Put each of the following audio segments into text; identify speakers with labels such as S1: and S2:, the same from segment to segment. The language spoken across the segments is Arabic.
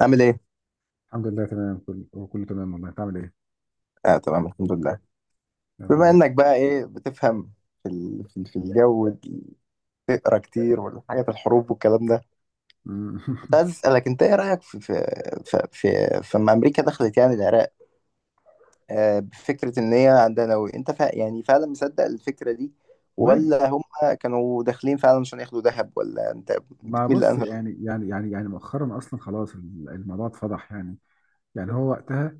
S1: عامل ايه؟
S2: الحمد لله تمام، كله كله تمام. والله انت عامل ايه؟
S1: اه، تمام الحمد لله.
S2: يا رب
S1: بما
S2: دايما.
S1: انك بقى ايه بتفهم في الجو، تقرا كتير والحاجات الحروب والكلام ده.
S2: مم.
S1: كنت عايز اسالك انت ايه رايك في في في لما امريكا دخلت يعني العراق، بفكره ان هي عندها نووي. انت يعني فعلا مصدق الفكره دي،
S2: والله.
S1: ولا هم كانوا داخلين فعلا عشان ياخدوا ذهب، ولا انت
S2: ما
S1: بتميل
S2: بص،
S1: لانهي؟
S2: يعني مؤخرا اصلا خلاص الموضوع اتفضح يعني. يعني هو وقتها،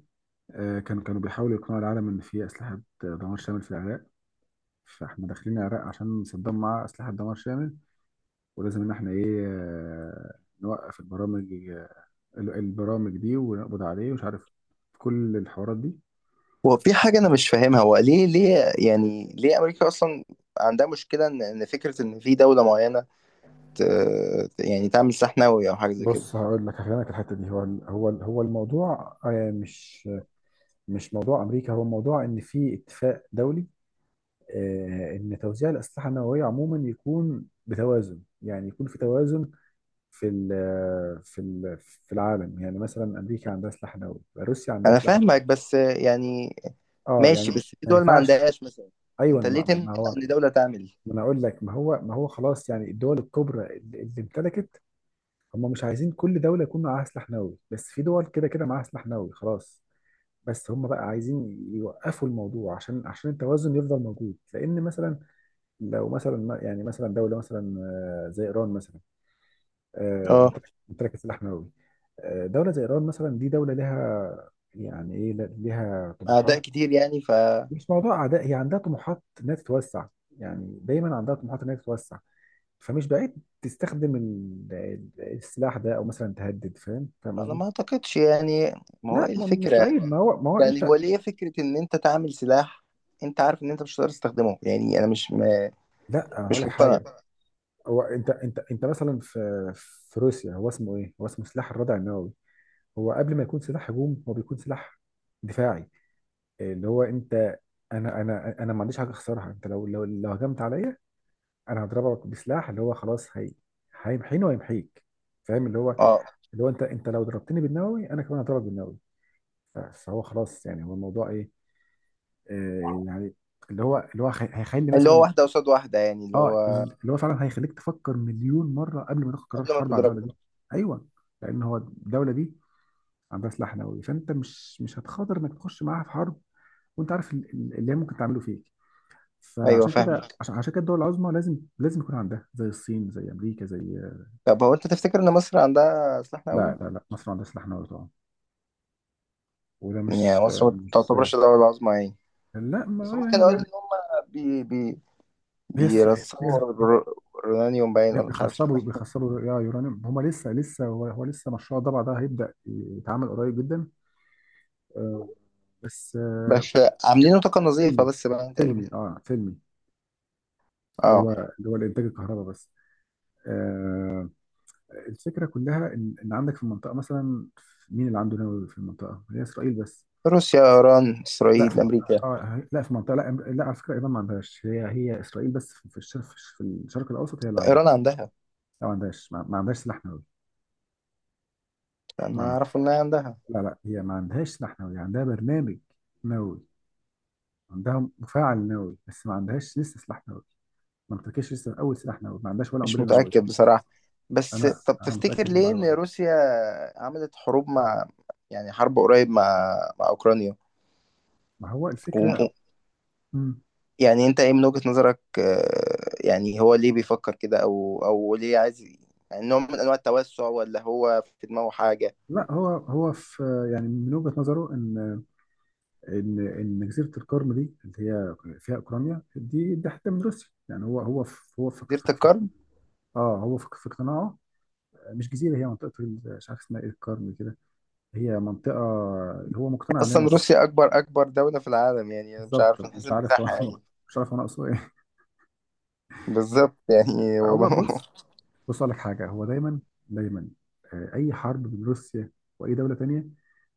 S2: كانوا بيحاولوا يقنعوا العالم ان في اسلحه دمار شامل في العراق. فاحنا داخلين العراق عشان صدام معاه اسلحه دمار شامل. ولازم ان احنا ايه، نوقف البرامج، البرامج دي، ونقبض عليه ومش عارف كل الحوارات دي.
S1: هو في حاجه انا مش فاهمها، هو ليه، يعني ليه امريكا اصلا عندها مشكله ان فكره ان في دوله معينه، يعني تعمل سحناوي او حاجه زي كده؟
S2: بص هقول لك هفهمك الحته دي. هو الموضوع، مش موضوع امريكا، هو موضوع ان في اتفاق دولي، ان توزيع الاسلحه النوويه عموما يكون بتوازن، يعني يكون في توازن في ال في العالم. يعني مثلا امريكا عندها سلاح نووي، روسيا عندها
S1: انا
S2: سلاح نووي.
S1: فاهمك، بس يعني
S2: اه
S1: ماشي،
S2: يعني
S1: بس في
S2: ما
S1: دول ما
S2: ينفعش.
S1: عندهاش مثلا.
S2: ايوه،
S1: انت ليه
S2: ما
S1: تمنع
S2: ما هو،
S1: ان دوله تعمل؟
S2: ما انا اقول لك، ما هو خلاص، يعني الدول الكبرى اللي امتلكت، هم مش عايزين كل دوله يكون معاها سلاح نووي، بس في دول كده كده معاها سلاح نووي خلاص. بس هم بقى عايزين يوقفوا الموضوع عشان التوازن يفضل موجود، لان مثلا لو مثلا يعني مثلا دوله مثلا، زي ايران مثلا.
S1: اه،
S2: امتلكت سلاح نووي. دوله زي ايران مثلا، دي دوله لها يعني ايه، لها
S1: اعداء
S2: طموحات.
S1: كتير يعني ف...
S2: مش موضوع اعداء، هي عندها طموحات انها تتوسع، يعني دايما عندها طموحات انها تتوسع. فمش بعيد تستخدم السلاح ده، او مثلا تهدد. فاهم،
S1: انا
S2: قصدي؟
S1: ما اعتقدش يعني، ما هو
S2: لا
S1: ايه
S2: مش
S1: الفكره؟
S2: بعيد، ما هو انت.
S1: يعني هو ليه فكره ان انت تعمل سلاح؟ انت عارف ان انت مش هتقدر تستخدمه، يعني انا
S2: لا انا هقول
S1: مش
S2: لك
S1: مقتنع.
S2: حاجه. هو انت مثلا في روسيا، هو اسمه ايه؟ هو اسمه سلاح الردع النووي. هو قبل ما يكون سلاح هجوم، هو بيكون سلاح دفاعي. اللي هو انت، انا ما عنديش حاجه اخسرها. انت لو هجمت عليا، انا هضربك بسلاح اللي هو خلاص، هي هيمحيني ويمحيك. فاهم؟ اللي هو،
S1: اه،
S2: اللي هو انت، انت لو ضربتني بالنووي انا كمان هضربك بالنووي. فهو خلاص. يعني هو الموضوع ايه، آه يعني، اللي هو، هيخلي
S1: اللي هو
S2: مثلا.
S1: واحده قصاد واحده يعني، اللي
S2: اه،
S1: هو
S2: اللي هو فعلا هيخليك تفكر مليون مره قبل ما تاخد قرار
S1: قبل ما
S2: حرب على
S1: تضربه.
S2: الدوله دي. ايوه. لان هو الدوله دي عندها سلاح نووي، فانت مش هتخاطر انك تخش معاها في حرب، وانت عارف اللي هي ممكن تعمله فيك.
S1: ايوه،
S2: فعشان اه كده، فاهم،
S1: فاهمك.
S2: عشان كده الدول العظمى لازم يكون عندها، زي الصين زي امريكا زي...
S1: طب هو انت تفتكر ان مصر عندها سلاح نووي؟
S2: لا، مصر عندها سلاح نووي طبعا. وده
S1: يعني
S2: مش
S1: مصر ما
S2: فاهم، مش...
S1: تعتبرش دوله عظمى يعني؟
S2: لا،
S1: بس
S2: ما
S1: هم كانوا
S2: يعني
S1: قالوا ان هم بي بي
S2: هي
S1: بيرسموا رونانيوم باين، ولا مش عارف اسمه
S2: بيخصبوا
S1: ايه.
S2: بيخصبوا يا يورانيوم. هما لسه لسه، هو هو لسه مشروع الضبع ده هيبدأ يتعمل قريب جدا، آه، بس
S1: بس عاملينه طاقة نظيفة
S2: فيلمي.
S1: بس باين تقريبا.
S2: فيلمي، اه فيلمي، اللي هو
S1: اه.
S2: الانتاج الكهرباء بس. آه، الفكرة كلها إن عندك في المنطقة مثلا. مين اللي عنده نووي في المنطقة؟ هي إسرائيل بس.
S1: روسيا، ايران،
S2: لا في
S1: اسرائيل،
S2: اسرائيل
S1: امريكا،
S2: منطقة،
S1: لا،
S2: آه لا في منطقة، لا على فكرة إيران ما عندهاش. هي إسرائيل بس في الشرق الأوسط هي اللي عندها.
S1: ايران عندها.
S2: لا، ما عندهاش، ما عندهاش سلاح نووي،
S1: انا
S2: ما عندها.
S1: اعرف انها عندها.
S2: لا، لا، هي ما عندهاش سلاح نووي، عندها برنامج نووي، عندها مفاعل نووي بس ما عندهاش لسه سلاح نووي. ما امتلكتش لسه أول سلاح نووي، ما عندهاش ولا
S1: مش
S2: قنبلة نووية.
S1: متأكد بصراحة. بس
S2: أنا
S1: طب
S2: أنا
S1: تفتكر
S2: متأكد من
S1: ليه ان
S2: المعلومة دي.
S1: روسيا عملت حروب مع، يعني حرب قريب مع اوكرانيا،
S2: ما هو الفكرة.
S1: و-
S2: مم.
S1: يعني انت ايه من وجهة نظرك؟ يعني هو ليه بيفكر كده، او ليه عايز يعني نوع من انواع التوسع، ولا هو في دماغه حاجة؟
S2: لا هو هو في، يعني من وجهة نظره إن ان جزيره القرم دي اللي هي فيها اوكرانيا، دي دي حته من روسيا. يعني هو هو في هو في
S1: ديرة
S2: في في،
S1: القرن.
S2: اه هو في في اقتناعه. مش جزيره، هي منطقه مش عارف اسمها ايه، القرم كده. هي منطقه. هو مقتنع ان هي
S1: اصلا
S2: منطقه أصلا.
S1: روسيا اكبر دولة في العالم. يعني انا مش
S2: بالظبط،
S1: عارف من حيث
S2: مش عارف هو
S1: المساحة يعني.
S2: مش عارف انا اقصد ايه.
S1: بالظبط، يعني هو
S2: هو بص، بص اقول لك حاجه. هو دايما دايما اي حرب بين روسيا واي دوله تانيه،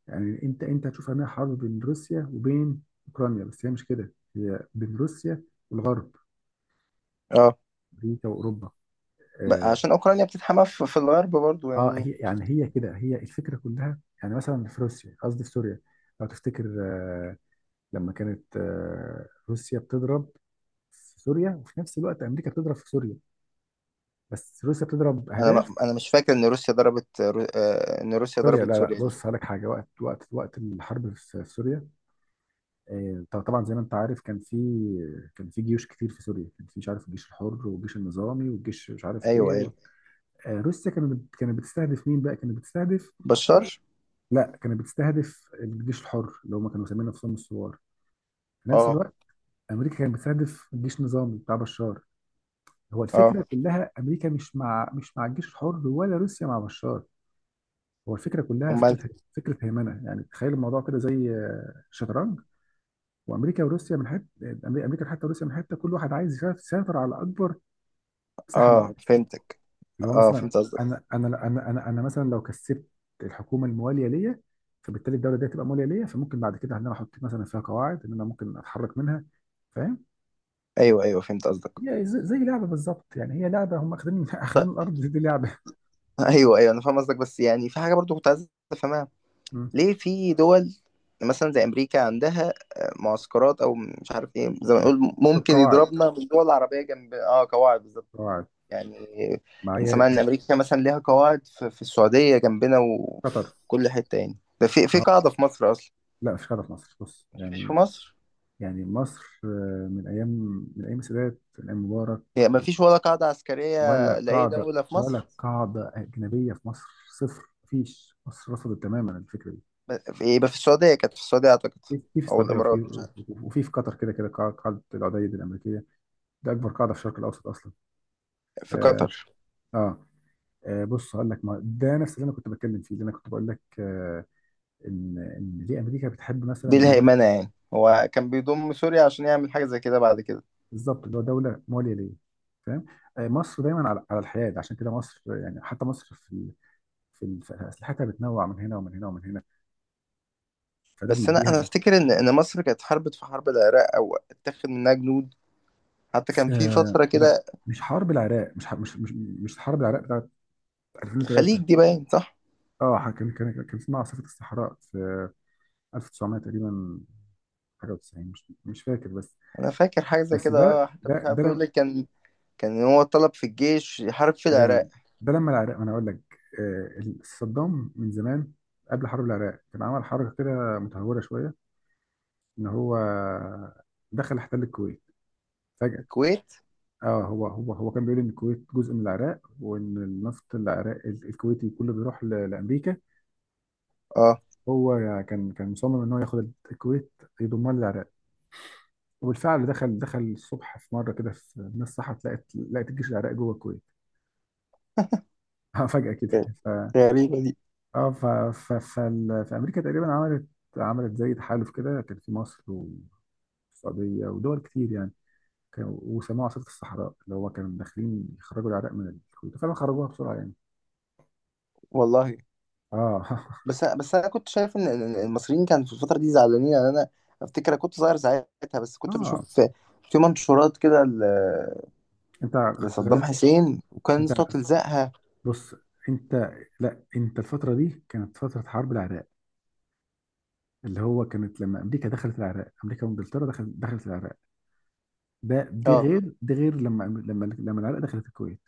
S2: يعني انت هتشوف انها حرب بين روسيا وبين اوكرانيا، بس هي مش كده، هي بين روسيا والغرب،
S1: اه.
S2: امريكا واوروبا.
S1: بقى
S2: آه،
S1: عشان اوكرانيا بتتحمى في الغرب برضو
S2: اه
S1: يعني.
S2: هي يعني، هي كده، هي الفكره كلها. يعني مثلا في روسيا، قصدي في سوريا، لو تفتكر، لما كانت روسيا بتضرب في سوريا، وفي نفس الوقت امريكا بتضرب في سوريا، بس روسيا بتضرب اهداف
S1: انا مش فاكر ان روسيا ضربت رو... آه، ان روسيا
S2: سوريا.
S1: ضربت
S2: لا
S1: سوريا دي.
S2: بص هقول لك حاجه، وقت الحرب في سوريا، طبعا زي ما انت عارف، كان في، كان في جيوش كتير في سوريا. كان في مش عارف، الجيش الحر والجيش النظامي والجيش مش عارف ايه
S1: ايوه،
S2: و...
S1: ايوه.
S2: روسيا كانت كانت بتستهدف مين بقى؟ كانت بتستهدف...
S1: بشار.
S2: لا كانت بتستهدف الجيش الحر، اللي هم كانوا مسميين نفسهم الثوار. في نفس
S1: اه.
S2: الوقت امريكا كانت بتستهدف جيش نظامي بتاع بشار. هو
S1: اه
S2: الفكره كلها، امريكا مش مع، الجيش الحر، ولا روسيا مع بشار. هو الفكره كلها
S1: امال.
S2: فكره، فكره هيمنه. يعني تخيل الموضوع كده زي، الشطرنج. وامريكا وروسيا، من حته امريكا حتى روسيا، من حته كل واحد عايز يسيطر على اكبر مساحه من،
S1: اه، فهمتك.
S2: اللي هو
S1: اه،
S2: مثلا.
S1: فهمت قصدك.
S2: انا مثلا لو كسبت الحكومه المواليه ليا، فبالتالي الدوله دي هتبقى مواليه ليا، فممكن بعد كده ان انا احط مثلا فيها قواعد، ان انا ممكن اتحرك منها. فاهم؟
S1: ايوه، ايوه، فهمت قصدك.
S2: هي زي لعبه بالظبط. يعني هي لعبه، هم اخدين اخدين الارض دي لعبه.
S1: ايوه، ايوه، انا فاهم قصدك، بس يعني في حاجه برضو كنت عايز افهمها.
S2: مم.
S1: ليه في دول مثلا زي امريكا عندها معسكرات او مش عارف ايه، زي ما
S2: بس
S1: نقول ممكن
S2: قواعد،
S1: يضربنا من الدول العربيه جنب، قواعد بالظبط
S2: قواعد،
S1: يعني.
S2: مع
S1: انا
S2: هي
S1: سمعت ان امريكا مثلا ليها قواعد في السعوديه جنبنا
S2: قطر.
S1: وفي كل حته يعني، ده في قاعده في مصر اصلا.
S2: لا مش قطر، في مصر، بص
S1: مفيش
S2: يعني،
S1: في مصر.
S2: يعني مصر، من ايام، السادات، من ايام مبارك،
S1: يعني مفيش ولا قاعده عسكريه
S2: ولا
S1: لاي
S2: قاعده،
S1: دوله في
S2: ولا
S1: مصر؟
S2: قاعده اجنبيه في مصر. صفر. مفيش. مصر رفضت تماما الفكره دي.
S1: يبقى في السعوديه، كانت في السعوديه اعتقد،
S2: في
S1: او
S2: السعوديه، وفي،
S1: الامارات، مش عارف.
S2: في قطر، كده كده قاعده العديد الامريكيه. ده اكبر قاعده في الشرق الاوسط اصلا.
S1: في
S2: اه،
S1: قطر.
S2: آه. بص هقول لك، ما ده نفس اللي انا كنت بتكلم فيه، اللي انا كنت بقول لك آه، ان ليه امريكا بتحب مثلا
S1: دي الهيمنة، يعني هو كان بيضم سوريا عشان يعمل حاجة زي كده بعد كده.
S2: بالظبط اللي هو دوله مواليه ليه. فاهم؟ آه، مصر دايما على الحياد، عشان كده مصر يعني، حتى مصر في اسلحتها بتنوع من هنا ومن هنا ومن هنا. فده
S1: بس أنا
S2: بيديها.
S1: أفتكر إن مصر كانت حاربت في حرب العراق، أو اتاخد منها جنود، حتى
S2: ف-
S1: كان في فترة
S2: لا
S1: كده.
S2: مش حرب العراق، مش حرب العراق بتاعت
S1: الخليج
S2: 2003.
S1: دي باين صح؟
S2: اه كان اسمها عاصفة الصحراء في 1900 تقريبا، حاجة و90، مش فاكر بس.
S1: أنا فاكر حاجة زي
S2: بس
S1: كده،
S2: ده
S1: حتى مش عارف بيقول
S2: لم...
S1: لك كان، كان هو طلب في الجيش يحارب في
S2: أيوة،
S1: العراق.
S2: ده لما العراق، ما انا اقول لك، صدام من زمان قبل حرب العراق كان عمل حركة كده متهورة شوية، ان هو دخل احتل الكويت فجأة.
S1: الكويت؟
S2: اه، هو كان بيقول ان الكويت جزء من العراق، وان النفط العراق الكويتي كله بيروح لامريكا.
S1: أه.
S2: هو كان مصمم ان هو ياخد الكويت يضمها للعراق. وبالفعل دخل الصبح في مره كده، في الناس صحت لقت الجيش العراقي جوه الكويت. اه فجاه كده. ف
S1: غريبة دي.
S2: اه، فامريكا تقريبا عملت، زي تحالف كده، كان في مصر والسعوديه ودول كتير يعني. كانوا، وسموه عاصفه الصحراء، اللي هو كانوا داخلين يخرجوا العراق من الكويت، فعلا خرجوها بسرعه يعني.
S1: والله.
S2: اه
S1: بس أنا كنت شايف إن المصريين كانوا في الفترة دي زعلانين. يعني أنا أفتكر أنا كنت صغير ساعتها، بس كنت
S2: اه،
S1: بشوف في في منشورات كده
S2: انت
S1: لصدام
S2: غرقت.
S1: حسين، وكان
S2: انت
S1: صوت لزقها.
S2: بص، انت... لا انت الفتره دي كانت فتره حرب العراق، اللي هو كانت لما امريكا دخلت العراق، امريكا وانجلترا دخلت العراق. ده دي
S1: اه،
S2: غير، دي غير لما العراق دخلت الكويت.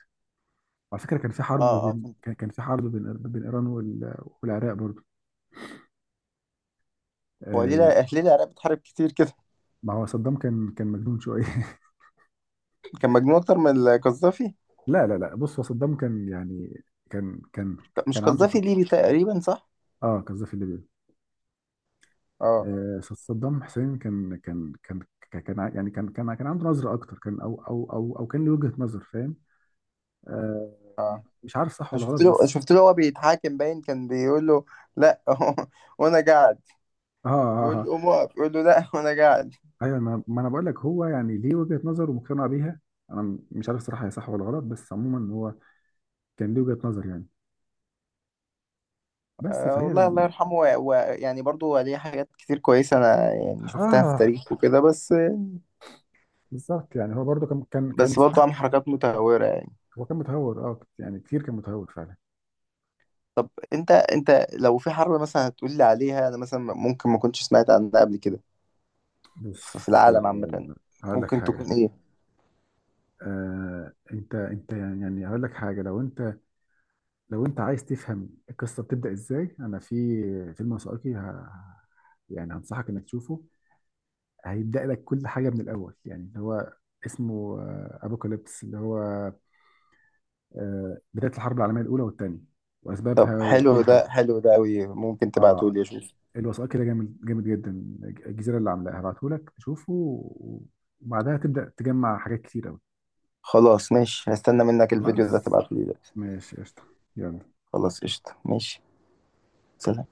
S2: وعلى فكره كان في حرب
S1: اه، اه،
S2: بين،
S1: فهمت.
S2: كان كان في حرب بين ايران والعراق برضه.
S1: هو ليه
S2: آه يعني،
S1: ليه العراق بتحارب كتير كده؟
S2: ما هو صدام كان كان مجنون شويه
S1: كان مجنون اكتر من القذافي.
S2: لا بص، هو صدام كان يعني، كان كان
S1: مش
S2: كان عنده...
S1: قذافي ليبي تقريبا صح؟
S2: اه قذافي في ليبيا.
S1: اه،
S2: آه صدام حسين كان كان كان كان كان يعني كان عنده نظره اكتر، كان، او او او او كان له وجهه نظر. فاهم؟ آه
S1: اه.
S2: مش عارف صح
S1: انا
S2: ولا غلط بس.
S1: شفت له هو بيتحاكم، باين كان بيقول له، لا. وانا قاعد.
S2: اه، اه،
S1: بيقول له
S2: آه.
S1: قوم اقف، بيقول له لا، وانا قاعد.
S2: ايوه، ما ما انا بقول لك، هو يعني ليه وجهة نظر ومقتنع بيها. انا مش عارف صراحة هي صح ولا غلط، بس عموما هو كان ليه وجهة نظر يعني، بس فهي
S1: والله، الله يرحمه، ويعني برضو ليه حاجات كتير كويسة، انا يعني شفتها في
S2: اه.
S1: تاريخه وكده. بس
S2: بالظبط، يعني هو برضه كان
S1: بس برضو
S2: صح.
S1: عمل حركات متهورة.
S2: هو كان متهور اه، يعني كتير كان متهور فعلا.
S1: طب انت لو في حرب مثلا هتقول لي عليها، انا مثلا ممكن ما كنتش سمعت عنها قبل كده، في
S2: بص،
S1: العالم عامة،
S2: هقول لك
S1: ممكن
S2: حاجة.
S1: تكون ايه؟
S2: آه انت، يعني هقول لك حاجة، لو انت، عايز تفهم القصة بتبدأ ازاي، انا في فيلم وثائقي، يعني هنصحك انك تشوفه، هيبدأ لك كل حاجة من الأول، يعني اللي هو اسمه أبوكاليبس، اللي هو، بداية الحرب العالمية الأولى والثانية
S1: طب
S2: وأسبابها
S1: حلو
S2: وكل حاجة. حلو
S1: ده،
S2: ده،
S1: حلو ده قوي، ممكن تبعته
S2: اه.
S1: لي اشوف؟
S2: الوثائقي كده جامد جامد جدا، الجزيرة اللي عاملاها. هبعته لك تشوفه و-، وبعدها تبدأ تجمع حاجات كتير أوي.
S1: خلاص ماشي، هستنى
S2: جامد
S1: منك
S2: جدا،
S1: الفيديو ده
S2: خلاص،
S1: تبعته لي دلوقتي.
S2: ماشي، قشطة، يلا.
S1: خلاص، قشطة، ماشي. سلام.